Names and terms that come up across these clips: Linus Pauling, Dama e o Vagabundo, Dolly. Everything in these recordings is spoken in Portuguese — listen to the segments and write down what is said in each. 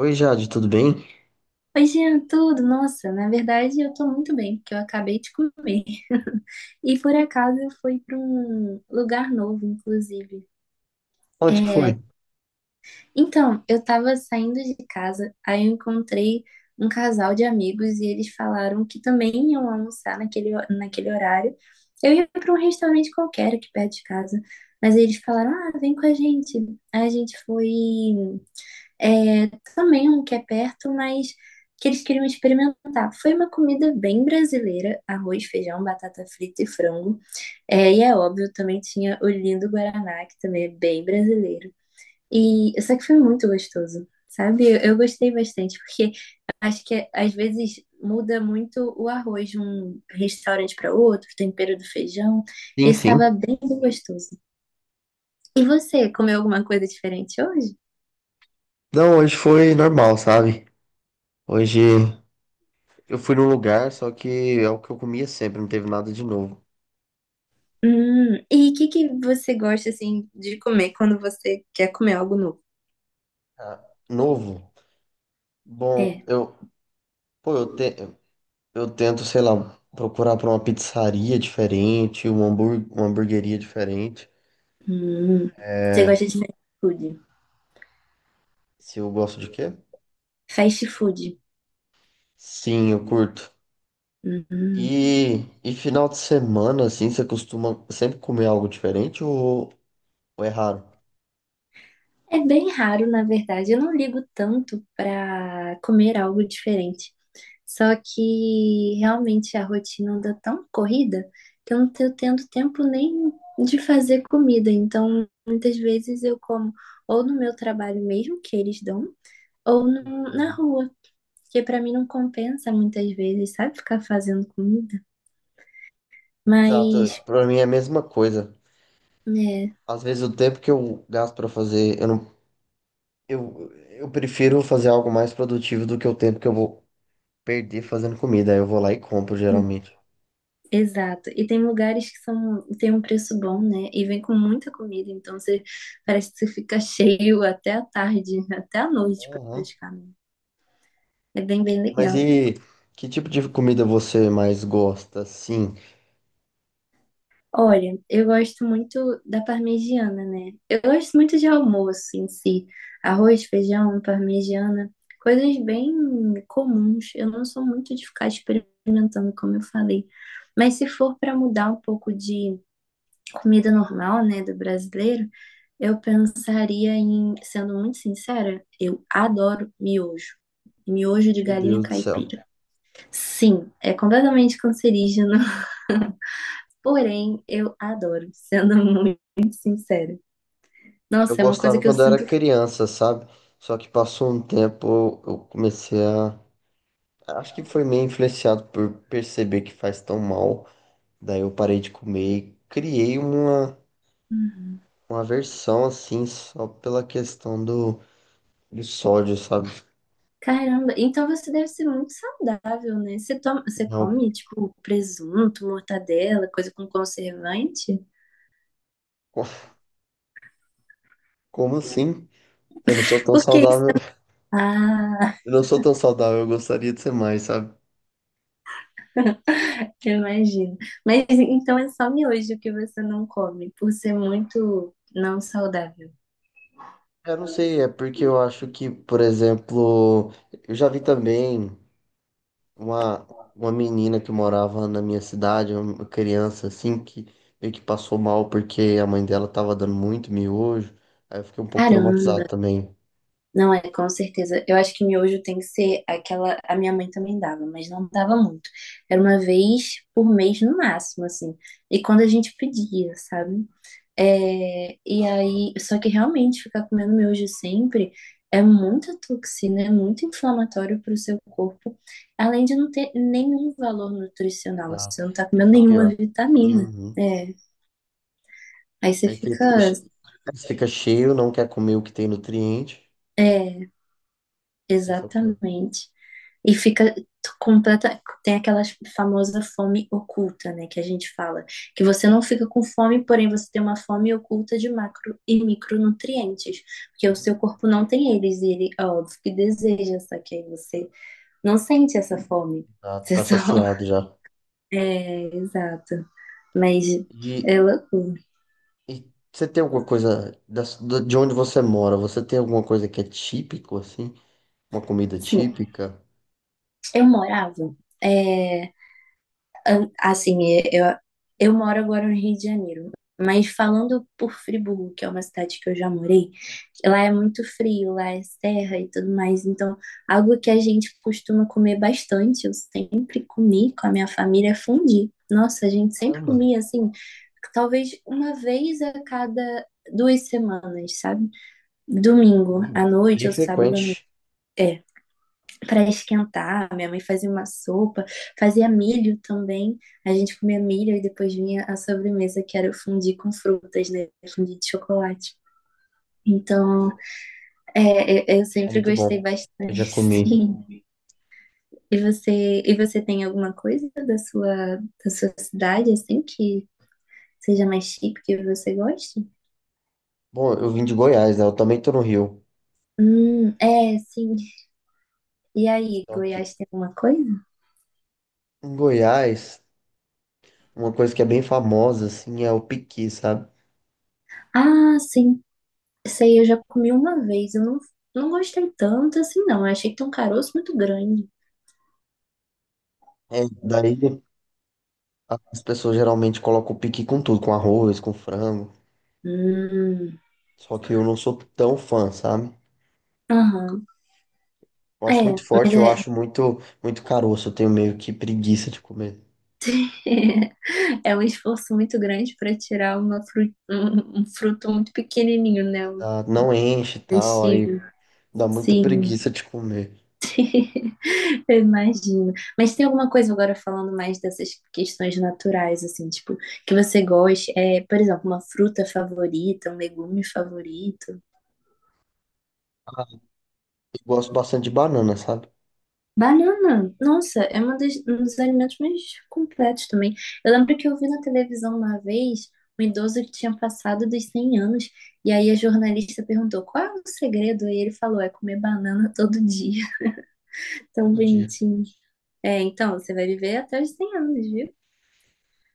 Oi, Jade, tudo bem? Oi, Jean, tudo? Nossa, na verdade eu tô muito bem, porque eu acabei de comer. E por acaso eu fui para um lugar novo, inclusive. Onde que É, foi? então, eu tava saindo de casa, aí eu encontrei um casal de amigos e eles falaram que também iam almoçar naquele horário. Eu ia para um restaurante qualquer aqui perto de casa, mas eles falaram: ah, vem com a gente. Aí a gente foi é, também um que é perto, mas que eles queriam experimentar. Foi uma comida bem brasileira, arroz, feijão, batata frita e frango. É, e é óbvio, também tinha o lindo Guaraná, que também é bem brasileiro. E só que foi muito gostoso, sabe? Eu gostei bastante, porque acho que às vezes muda muito o arroz de um restaurante para outro, o tempero do feijão. Sim, Esse sim. estava bem gostoso. E você, comeu alguma coisa diferente hoje? Não, hoje foi normal, sabe? Hoje eu fui num lugar, só que é o que eu comia sempre, não teve nada de novo. E o que que você gosta assim de comer quando você quer comer algo novo? Ah, novo? Bom, É. Pô, eu tento, sei lá, procurar pra uma pizzaria diferente, uma hamburgueria diferente. Hum, você É, gosta de fast food? Se eu gosto de quê? Fast food. Sim, eu curto. E, Hum. e final de semana, assim, você costuma sempre comer algo diferente, ou é raro? É bem raro, na verdade. Eu não ligo tanto para comer algo diferente. Só que realmente a rotina anda tão corrida que eu não tô tendo tempo nem de fazer comida. Então, muitas vezes eu como ou no meu trabalho mesmo, que eles dão, ou no- na rua. Porque pra mim não compensa muitas vezes, sabe? Ficar fazendo comida. Exato, Mas, pra mim é a mesma coisa. é, Às vezes o tempo que eu gasto pra fazer, eu não, eu prefiro fazer algo mais produtivo do que o tempo que eu vou perder fazendo comida. Aí eu vou lá e compro hum, geralmente. exato. E tem lugares que são, tem um preço bom, né? E vem com muita comida, então você parece que você fica cheio até a tarde, até a noite Aham. praticamente. É bem, bem Mas legal. e que tipo de comida você mais gosta, assim? Olha, eu gosto muito da parmegiana, né? Eu gosto muito de almoço em si. Arroz, feijão, parmegiana, coisas bem comuns. Eu não sou muito de ficar experimentando, como eu falei. Mas se for para mudar um pouco de comida normal, né, do brasileiro, eu pensaria em, sendo muito sincera, eu adoro miojo. Miojo de Meu galinha Deus do céu. caipira. Sim, é completamente cancerígeno. Porém, eu adoro, sendo muito sincera. Eu Nossa, é uma coisa gostava que eu quando eu era sinto. criança, sabe? Só que passou um tempo, eu comecei a. Acho que foi meio influenciado por perceber que faz tão mal. Daí eu parei de comer e criei uma aversão assim, só pela questão do sódio, sabe? Caramba, então você deve ser muito saudável, né? Você toma, você Eu- come, tipo, presunto, mortadela, coisa com conservante? co- Como assim? Eu não sou tão Porque isso. saudável. Ah, Eu não sou tão saudável, eu gostaria de ser mais, sabe? eu imagino. Mas então é só miojo que você não come, por ser muito não saudável. Eu não sei, é porque eu acho que, por exemplo, eu já vi também uma, uma menina que morava na minha cidade, uma criança assim, que meio que passou mal porque a mãe dela tava dando muito miojo. Aí eu fiquei um pouco traumatizado Caramba. também. Não é, com certeza. Eu acho que miojo tem que ser aquela. A minha mãe também dava, mas não dava muito. Era uma vez por mês no máximo, assim. E quando a gente pedia, sabe? É, e aí, só que realmente ficar comendo miojo sempre é muita toxina, é muito inflamatório para o seu corpo, além de não ter nenhum valor nutricional. Ah, Você não tá comendo esse é o nenhuma pior. vitamina. Uhum. É, aí você Aí você fica, fica. aí você fica cheio, não quer comer o que tem nutriente. É, Esse é o pior. exatamente. E fica completa. Tem aquela famosa fome oculta, né? Que a gente fala. Que você não fica com fome, porém você tem uma fome oculta de macro e micronutrientes. Porque o seu corpo não tem eles e ele, é óbvio, que deseja, só que aí você não sente essa fome. Tá, Você tá só. saciado já. É, exato. Mas E, é loucura. e você tem alguma coisa de onde você mora? Você tem alguma coisa que é típico, assim? Uma comida Sim, típica? eu morava. É, Assim, eu, eu moro agora no Rio de Janeiro, mas falando por Friburgo, que é uma cidade que eu já morei, lá é muito frio, lá é serra e tudo mais. Então, algo que a gente costuma comer bastante, eu sempre comi com a minha família, é fondue. Nossa, a gente sempre Caramba, comia assim, talvez uma vez a cada 2 semanas, sabe? Domingo bom, à noite bem ou sábado à noite. frequente. É para esquentar. Minha mãe fazia uma sopa, fazia milho também. A gente comia milho e depois vinha a sobremesa, que era o fundi com frutas, né? Fundi de chocolate. Então, Nossa, eu é sempre muito gostei bom. Eu já bastante, comi. sim. E você tem alguma coisa da sua cidade, assim, que seja mais chique, que você goste? Bom, eu vim de Goiás, né? Eu também tô no Rio. É, sim. E aí, Só que Goiás tem alguma coisa? em Goiás, uma coisa que é bem famosa, assim, é o piqui, sabe? Ah, sim. Essa aí eu já comi uma vez, eu não, não gostei tanto assim, não. Eu achei que tem um caroço muito grande. É, daí as pessoas geralmente colocam piqui com tudo, com arroz, com frango. Hum, Só que eu não sou tão fã, sabe? Aham. Eu É, acho muito mas forte, eu é, acho muito, muito caroço. Eu tenho meio que preguiça de comer. é um esforço muito grande para tirar um fruto muito pequenininho, né? Um Não enche e tal, aí comestível. dá muita Sim, preguiça de comer. eu imagino. Mas tem alguma coisa agora falando mais dessas questões naturais, assim, tipo, que você goste? É, por exemplo, uma fruta favorita, um legume favorito? Ah, eu gosto bastante de banana, sabe? Banana, nossa, é um dos alimentos mais completos também. Eu lembro que eu vi na televisão uma vez um idoso que tinha passado dos 100 anos, e aí a jornalista perguntou qual é o segredo, e ele falou: é comer banana todo dia. Tão Todo dia. bonitinho. É, então, você vai viver até os 100 anos, viu?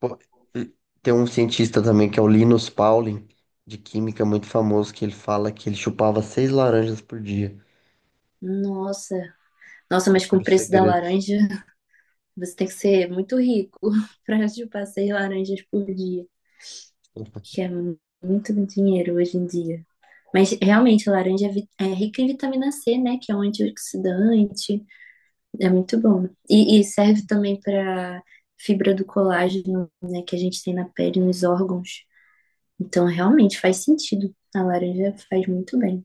Pô, e tem um cientista também que é o Linus Pauling, de química muito famoso, que ele fala que ele chupava seis laranjas por dia. Nossa, nossa, mas Esse com era o o preço da segredo. laranja, você tem que ser muito rico para chupar seis laranjas por dia, que é muito dinheiro hoje em dia. Mas realmente, a laranja é, é rica em vitamina C, né? Que é um antioxidante. É muito bom. E serve também para fibra do colágeno, né? Que a gente tem na pele, nos órgãos. Então, realmente faz sentido. A laranja faz muito bem.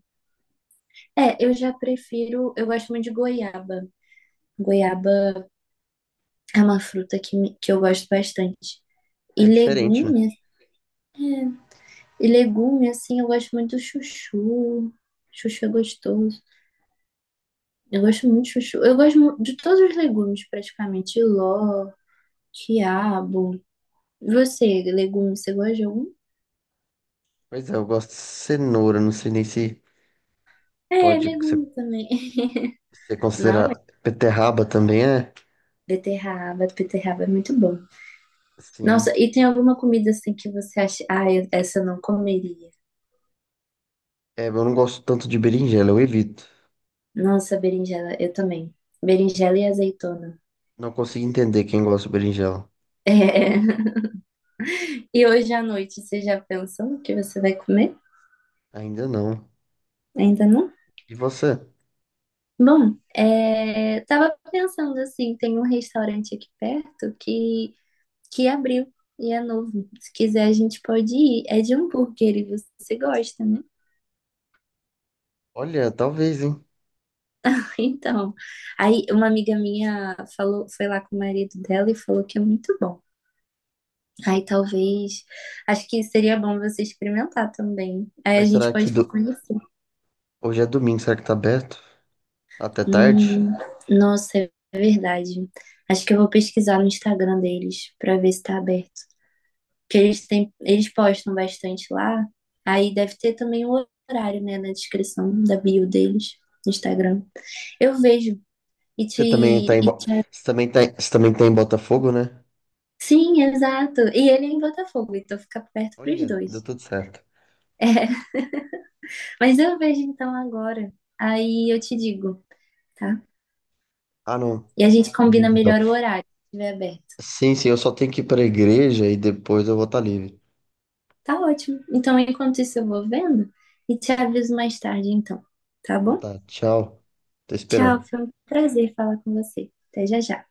É, eu já prefiro. Eu gosto muito de goiaba. Goiaba é uma fruta que eu gosto bastante. E É diferente, né? legume, é, e legume, assim, eu gosto muito do chuchu. Chuchu é gostoso. Eu gosto muito de chuchu. Eu gosto de todos os legumes, praticamente. Ló, quiabo. E você, legume, você gosta de algum? Pois é, eu gosto de cenoura, não sei nem se É, pode ser, legume também. ser Não, é considerado. Beterraba também é? beterraba, beterraba é muito bom. Sim. Nossa, e tem alguma comida assim que você acha, ah, eu- essa eu não comeria. É, eu não gosto tanto de berinjela, eu evito. Nossa, berinjela, eu também. Berinjela e azeitona. Não consigo entender quem gosta de berinjela. É. E hoje à noite, você já pensou no que você vai comer? Ainda não. Ainda não? E você? Bom, é, tava pensando assim, tem um restaurante aqui perto que abriu e é novo. Se quiser, a gente pode ir. É de hambúrguer e você gosta, né? Olha, talvez, hein? Então, aí uma amiga minha falou, foi lá com o marido dela e falou que é muito bom. Aí talvez, acho que seria bom você experimentar também. Aí a Mas gente será que pode conhecer. hoje é domingo? Será que tá aberto? Até tarde? Hum, nossa, é verdade. Acho que eu vou pesquisar no Instagram deles para ver se tá aberto. Que eles têm, eles postam bastante lá. Aí deve ter também o horário, né, na descrição da bio deles no Instagram. Eu vejo e te, Você também tá em, e Bo... te- Você também tá... em- Você também tá em Botafogo, né? sim, exato. E ele é em Botafogo, então fica perto pros Olha, deu dois. tudo certo. É, mas eu vejo então agora. Aí eu te digo, tá? Ah, não. E a gente combina Beleza, então. melhor o horário, se estiver aberto. Sim, sim, eu só tenho que ir pra igreja e depois eu vou estar livre. Tá ótimo. Então, enquanto isso, eu vou vendo e te aviso mais tarde, então. Tá Então bom? tá, tchau. Tô Tchau, esperando. foi um prazer falar com você. Até já já.